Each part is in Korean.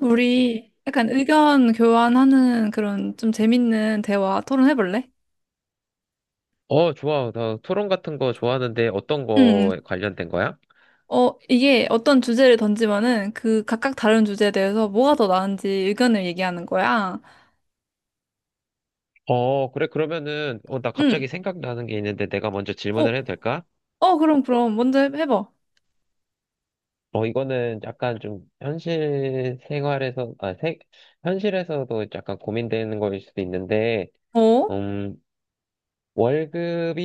우리 약간 의견 교환하는 그런 좀 재밌는 대화 토론해볼래? 좋아. 나 토론 같은 거 좋아하는데 어떤 응. 거에 관련된 거야? 이게 어떤 주제를 던지면은 그 각각 다른 주제에 대해서 뭐가 더 나은지 의견을 얘기하는 거야. 그래. 그러면은, 나 응. 갑자기 생각나는 게 있는데 내가 먼저 어, 질문을 해도 될까? 그럼, 그럼. 먼저 해봐. 이거는 약간 좀 현실 생활에서, 현실에서도 약간 고민되는 거일 수도 있는데, 어? 어? 음, 월급이,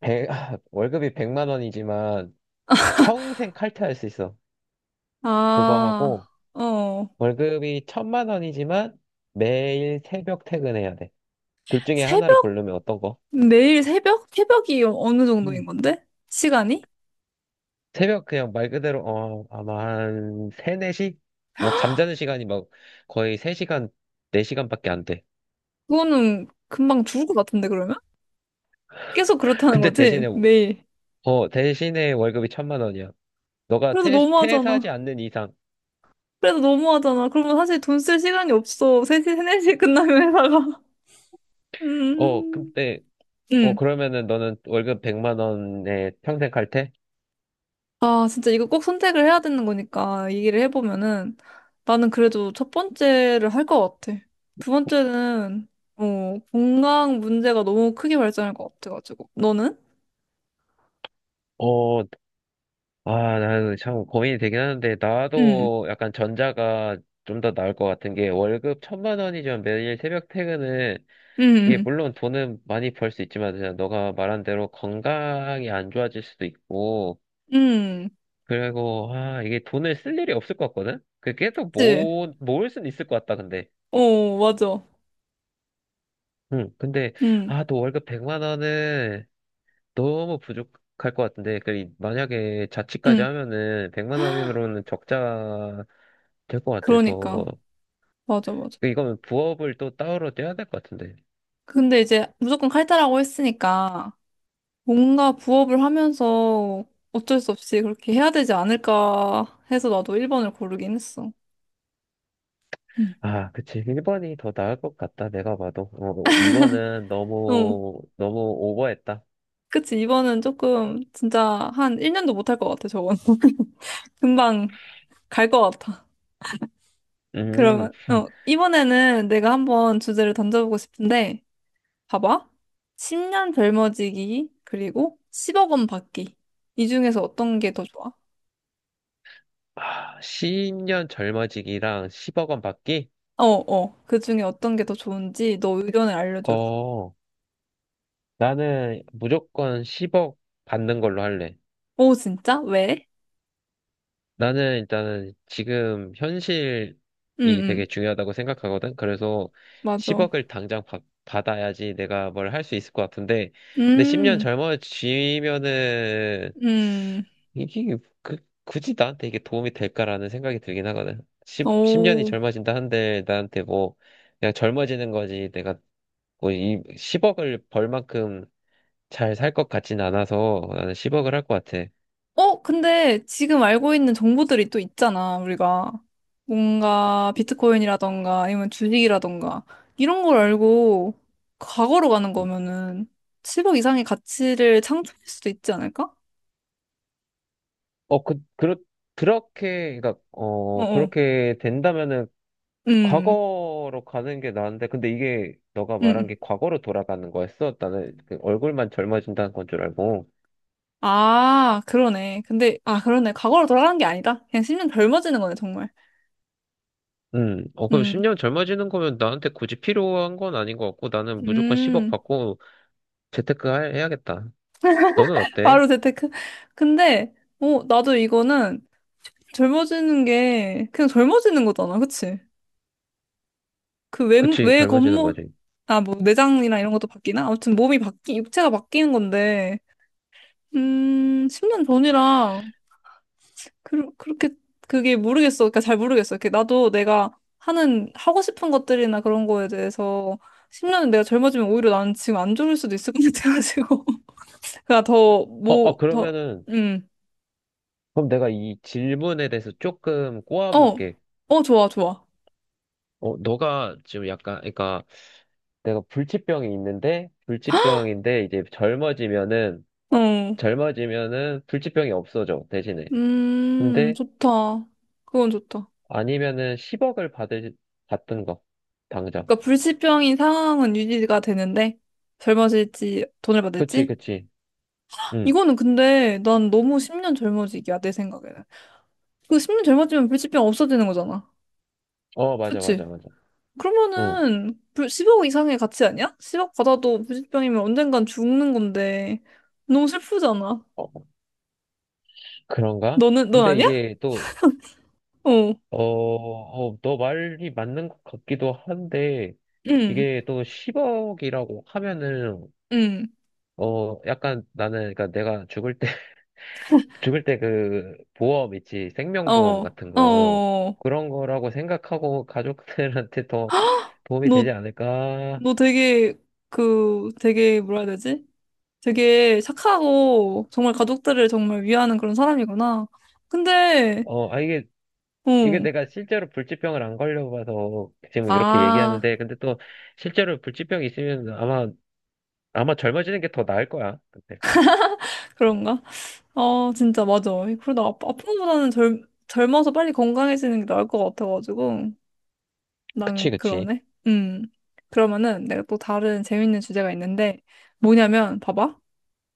백, 월급이 100만 원이지만 평생 칼퇴할 수 있어. 그거 아, 하고, 어. 월급이 천만 원이지만 매일 새벽 퇴근해야 돼. 둘 중에 하나를 새벽? 고르면 어떤 거? 매일 새벽? 새벽이 어느 정도인 건데? 시간이? 새벽 그냥 말 그대로 아마 한 3, 4시? 막 잠자는 시간이 막 거의 3시간, 4시간밖에 안 돼. 그거는 금방 죽을 것 같은데, 그러면? 계속 그렇다는 근데 거지? 대신에 매일. 어 대신에 월급이 천만 원이야. 너가 그래도 퇴사하지 너무하잖아. 않는 이상. 그래도 너무하잖아. 그러면 사실 돈 쓸 시간이 없어. 3시, 4시에 끝나면 회사가. 음. 근데 음. 그러면은 너는 월급 100만 원에 평생 갈 테? 아, 진짜 이거 꼭 선택을 해야 되는 거니까 얘기를 해보면은 나는 그래도 첫 번째를 할 것 같아. 두 번째는 건강 문제가 너무 크게 발전할 것 같아가지고. 너는? 어, 나는 참 고민이 되긴 하는데, 응. 나도 약간 전자가 좀 더 나을 것 같은 게, 월급 천만 원이지만 매일 새벽 퇴근은 이게 응. 물론 돈은 많이 벌 수 있지만 그냥 너가 말한 대로 건강이 안 좋아질 수도 있고, 응. 그리고 이게 돈을 쓸 일이 없을 것 같거든? 그 계속 그치? 모 모을 수는 있을 것 같다, 근데. 어, 맞아. 응, 근데 응. 너 월급 100만 원은 너무 부족할 것 같은데, 그 만약에 자취까지 응. 하면은 100만 원으로는 적자 될 것 그러니까. 같아서 맞아, 맞아. 이거는 부업을 또 따로 떼야 될 것 같은데. 근데 이제 무조건 칼퇴라고 했으니까 뭔가 부업을 하면서 어쩔 수 없이 그렇게 해야 되지 않을까 해서 나도 1번을 고르긴 했어. 응. 아, 그치. 1번이 더 나을 것 같다. 내가 봐도. 2번은 어, 너무, 너무 오버했다. 그치. 이번은 조금 진짜 한 1년도 못할 것 같아, 저건. 금방 갈 것 같아. 음. 그러면, 이번에는 내가 한번 주제를 던져보고 싶은데, 봐봐. 10년 젊어지기, 그리고 10억 원 받기. 이 중에서 어떤 게 더 좋아? 아, 10년 젊어지기랑 10억 원 받기? 그 중에 어떤 게 더 좋은지 너 의견을 알려줘. 어, 나는 무조건 10억 받는 걸로 할래. 오, 진짜? 왜? 나는 일단은 지금 현실이 응, 응. 되게 중요하다고 생각하거든. 그래서 맞아. 10억을 당장 받아야지 내가 뭘 할 수 있을 것 같은데, 근데 10년 음, 젊어지면은 음, 이게 그, 굳이 나한테 이게 도움이 될까라는 생각이 들긴 하거든. 10년이 오. 젊어진다 한들 나한테 뭐 그냥 젊어지는 거지. 내가 뭐 이 10억을 벌 만큼 잘 살 것 같진 않아서 나는 10억을 할 것 같아. 근데 지금 알고 있는 정보들이 또 있잖아, 우리가. 뭔가 비트코인이라던가 아니면 주식이라던가 이런 걸 알고 과거로 가는 거면은 1억 이상의 가치를 창출할 수도 있지 않을까? 어, 그, 그렇, 그러니까, 어어. 그렇게 된다면은 음, 과거로 가는 게 나은데, 근데 이게 너가 말한 음. 게 과거로 돌아가는 거였어? 나는 그 얼굴만 젊어진다는 건 줄 알고. 아, 그러네. 근데, 아, 그러네. 과거로 돌아가는 게 아니다. 그냥 10년 젊어지는 거네, 정말. 그럼 음, 10년 젊어지는 거면 나한테 굳이 필요한 건 아닌 것 같고, 나는 무조건 10억 음. 받고 재테크 해야겠다. 너는 어때? 바로 재테크. 근데, 나도 이거는 젊어지는 게 그냥 젊어지는 거잖아, 그치? 그 외, 그치, 외 젊어지는 겉모, 거지. 아, 뭐 내장이나 이런 것도 바뀌나? 아무튼 육체가 바뀌는 건데, 10년 전이랑 그, 그렇게 그게 모르겠어. 그러니까 잘 모르겠어. 이렇게 나도 내가 하는 하고 싶은 것들이나 그런 거에 대해서 10년 내가 젊어지면 오히려 나는 지금 안 좋을 수도 있을 것 같아가지고. 그냥 더, 어, 어, 뭐, 더, 그러면은, 음, 그럼 내가 이 질문에 대해서 조금 어, 꼬아볼게. 좋아, 좋아. 너가 지금 약간, 그러니까, 내가 불치병이 있는데 불치병인데 이제 젊어지면은 어, 젊어지면은 불치병이 없어져, 대신에. 근데 좋다. 그건 좋다. 아니면은 10억을 받을 받던 거 당장. 그러니까 불치병인 상황은 유지가 되는데 젊어질지 돈을 그치, 받을지? 그치. 응어. 이거는 근데 난 너무 10년 젊어지기야 내 생각에는. 그 10년 젊어지면 불치병 없어지는 거잖아. 맞아, 그치? 맞아, 맞아. 응. 그러면은 불 10억 이상의 가치 아니야? 10억 받아도 불치병이면 언젠간 죽는 건데 너무 슬프잖아. 어, 그런가. 너는 넌 근데 아니야? 이게 또 어. 너 말이 맞는 것 같기도 한데, 응. 이게 또 10억이라고 하면은 응. 약간 나는 그러니까 내가 죽을 때 그 보험 있지, 생명보험 어. 같은 거, 어. 그런 거라고 생각하고 가족들한테 더 도움이 되지 너 않을까? 너 되게 뭐라 해야 되지? 되게 착하고 정말 가족들을 정말 위하는 그런 사람이구나. 근데, 어, 아, 이게, 이게 어, 내가 실제로 불치병을 안 걸려봐서 지금 이렇게 아, 얘기하는데, 근데 또 실제로 불치병이 있으면 아마 젊어지는 게 더 나을 거야. 근데. 그런가? 아 진짜 맞아. 그래도 아픈 것보다는 젊어서 빨리 건강해지는 게 나을 것 같아가지고. 난 그치, 그치. 그러네. 음. 그러면은 내가 또 다른 재밌는 주제가 있는데 뭐냐면, 봐봐.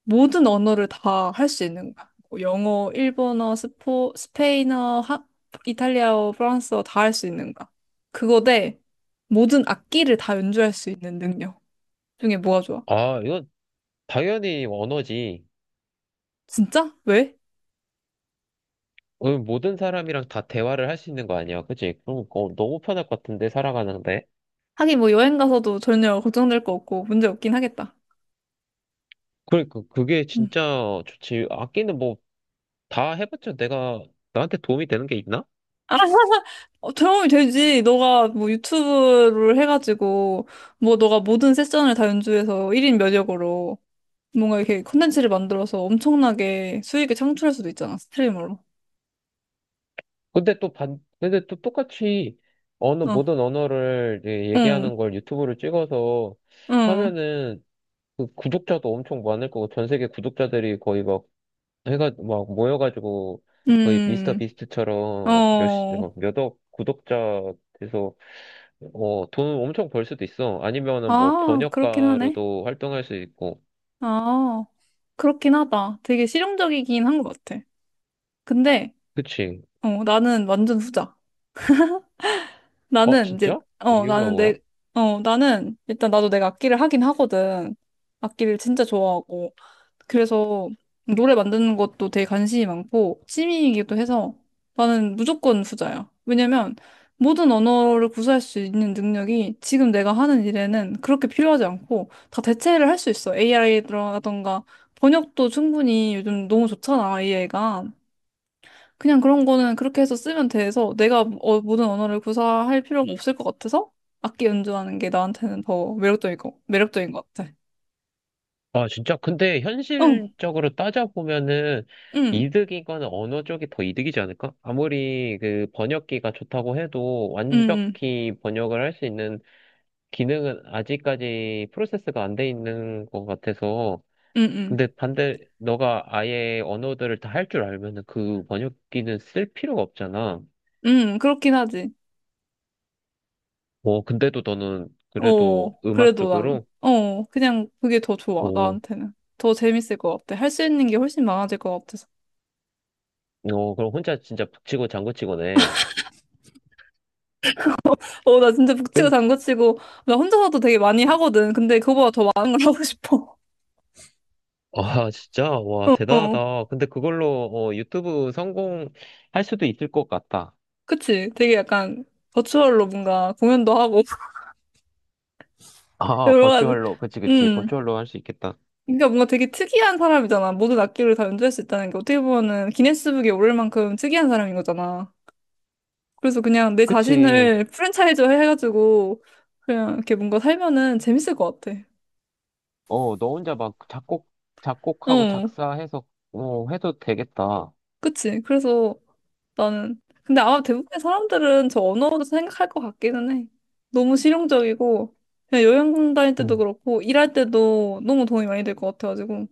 모든 언어를 다 할 수 있는 거야. 뭐 영어, 일본어, 스페인어, 이탈리아어, 프랑스어 다 할 수 있는 거야. 그거 대 모든 악기를 다 연주할 수 있는 능력 중에 뭐가 좋아? 아, 이건 당연히 언어지. 진짜? 왜? 모든 사람이랑 다 대화를 할 수 있는 거 아니야, 그치? 그럼, 너무 편할 것 같은데, 살아가는데. 하긴 뭐 여행 가서도 전혀 걱정될 거 없고 문제 없긴 하겠다. 그러니까 그게 음. 진짜 좋지. 악기는 뭐 다 해봤자 내가 나한테 도움이 되는 게 있나? 아, 도움이 되지. 너가 뭐 유튜브를 해가지고 뭐 너가 모든 세션을 다 연주해서 1인 면역으로 뭔가 이렇게 콘텐츠를 만들어서 엄청나게 수익을 창출할 수도 있잖아, 스트리머로. 근데 또 똑같이 어, 모든 언어를 이제 응, 얘기하는 걸 유튜브를 찍어서 응, 하면은 그 구독자도 엄청 많을 거고 전 세계 구독자들이 거의 막 해가 막 모여가지고 거의 미스터 음, 비스트처럼 막 몇십, 어, 막 몇억 구독자 돼서 돈 엄청 벌 수도 있어. 아니면은 뭐 아, 그렇긴 하네. 번역가로도 활동할 수 있고. 아, 그렇긴 하다. 되게 실용적이긴 한 것 같아. 근데, 그치? 나는 완전 후자. 나는 이제, 진짜? 어, 이유가 나는 뭐야? 내, 나는 일단 나도 내가 악기를 하긴 하거든. 악기를 진짜 좋아하고. 그래서 노래 만드는 것도 되게 관심이 많고 취미이기도 해서 나는 무조건 후자야. 왜냐면 모든 언어를 구사할 수 있는 능력이 지금 내가 하는 일에는 그렇게 필요하지 않고 다 대체를 할 수 있어. AI라던가 번역도 충분히 요즘 너무 좋잖아, AI가. 그냥 그런 거는 그렇게 해서 쓰면 돼서 내가 모든 언어를 구사할 필요가 없을 것 같아서 악기 연주하는 게 나한테는 더 매력적인 것 같아. 아, 진짜. 근데 어, 응, 현실적으로 따져보면은 응, 이득인 거는 언어 쪽이 더 이득이지 않을까? 아무리 그 번역기가 좋다고 해도 응, 완벽히 번역을 할 수 있는 기능은 아직까지 프로세스가 안 돼 있는 것 같아서. 응, 응. 근데 너가 아예 언어들을 다 할 줄 알면은 그 번역기는 쓸 필요가 없잖아. 그렇긴 하지. 근데도 너는 그래도 음악 그래도 난, 쪽으로? 그냥 그게 더 좋아, 오, 나한테는. 더 재밌을 것 같아. 할 수 있는 게 훨씬 많아질 것 같아서. 그럼 혼자 진짜 북치고 장구치고네. 나 진짜 북치고 장구치고, 나 혼자서도 되게 많이 하거든. 근데 그거보다 더 많은 걸 하고 싶어. 아, 진짜? 와, 어, 대단하다. 근데 그걸로 유튜브 성공할 수도 있을 것 같다. 그치? 되게 약간 버추얼로 뭔가 공연도 하고, 아, 여러 가지. 버추얼로. 그치, 그치. 음. 버추얼로 할 수 있겠다. 그러니까 뭔가 되게 특이한 사람이잖아. 모든 악기를 다 연주할 수 있다는 게 어떻게 보면은 기네스북에 오를 만큼 특이한 사람인 거잖아. 그래서 그냥 내 그치. 자신을 프랜차이즈 해가지고 그냥 이렇게 뭔가 살면은 재밌을 것 같아. 너 혼자 막 작곡하고 어, 작사해서 해도 되겠다. 그치. 그래서 나는 근데 아마 대부분의 사람들은 저 언어로 생각할 것 같기는 해. 너무 실용적이고 그냥 여행 다닐 때도 음. 그렇고 일할 때도 너무 도움이 많이 될 것 같아가지고.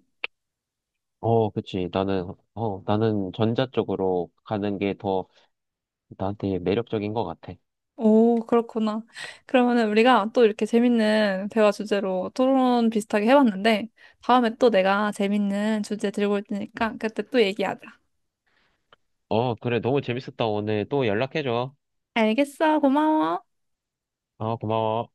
그치. 나는 전자 쪽으로 가는 게 더 나한테 매력적인 것 같아. 오, 그렇구나. 그러면은 우리가 또 이렇게 재밌는 대화 주제로 토론 비슷하게 해봤는데 다음에 또 내가 재밌는 주제 들고 올 테니까 그때 또 얘기하자. 그래. 너무 재밌었다. 오늘 또 연락해줘. 알겠어. 고마워. 고마워.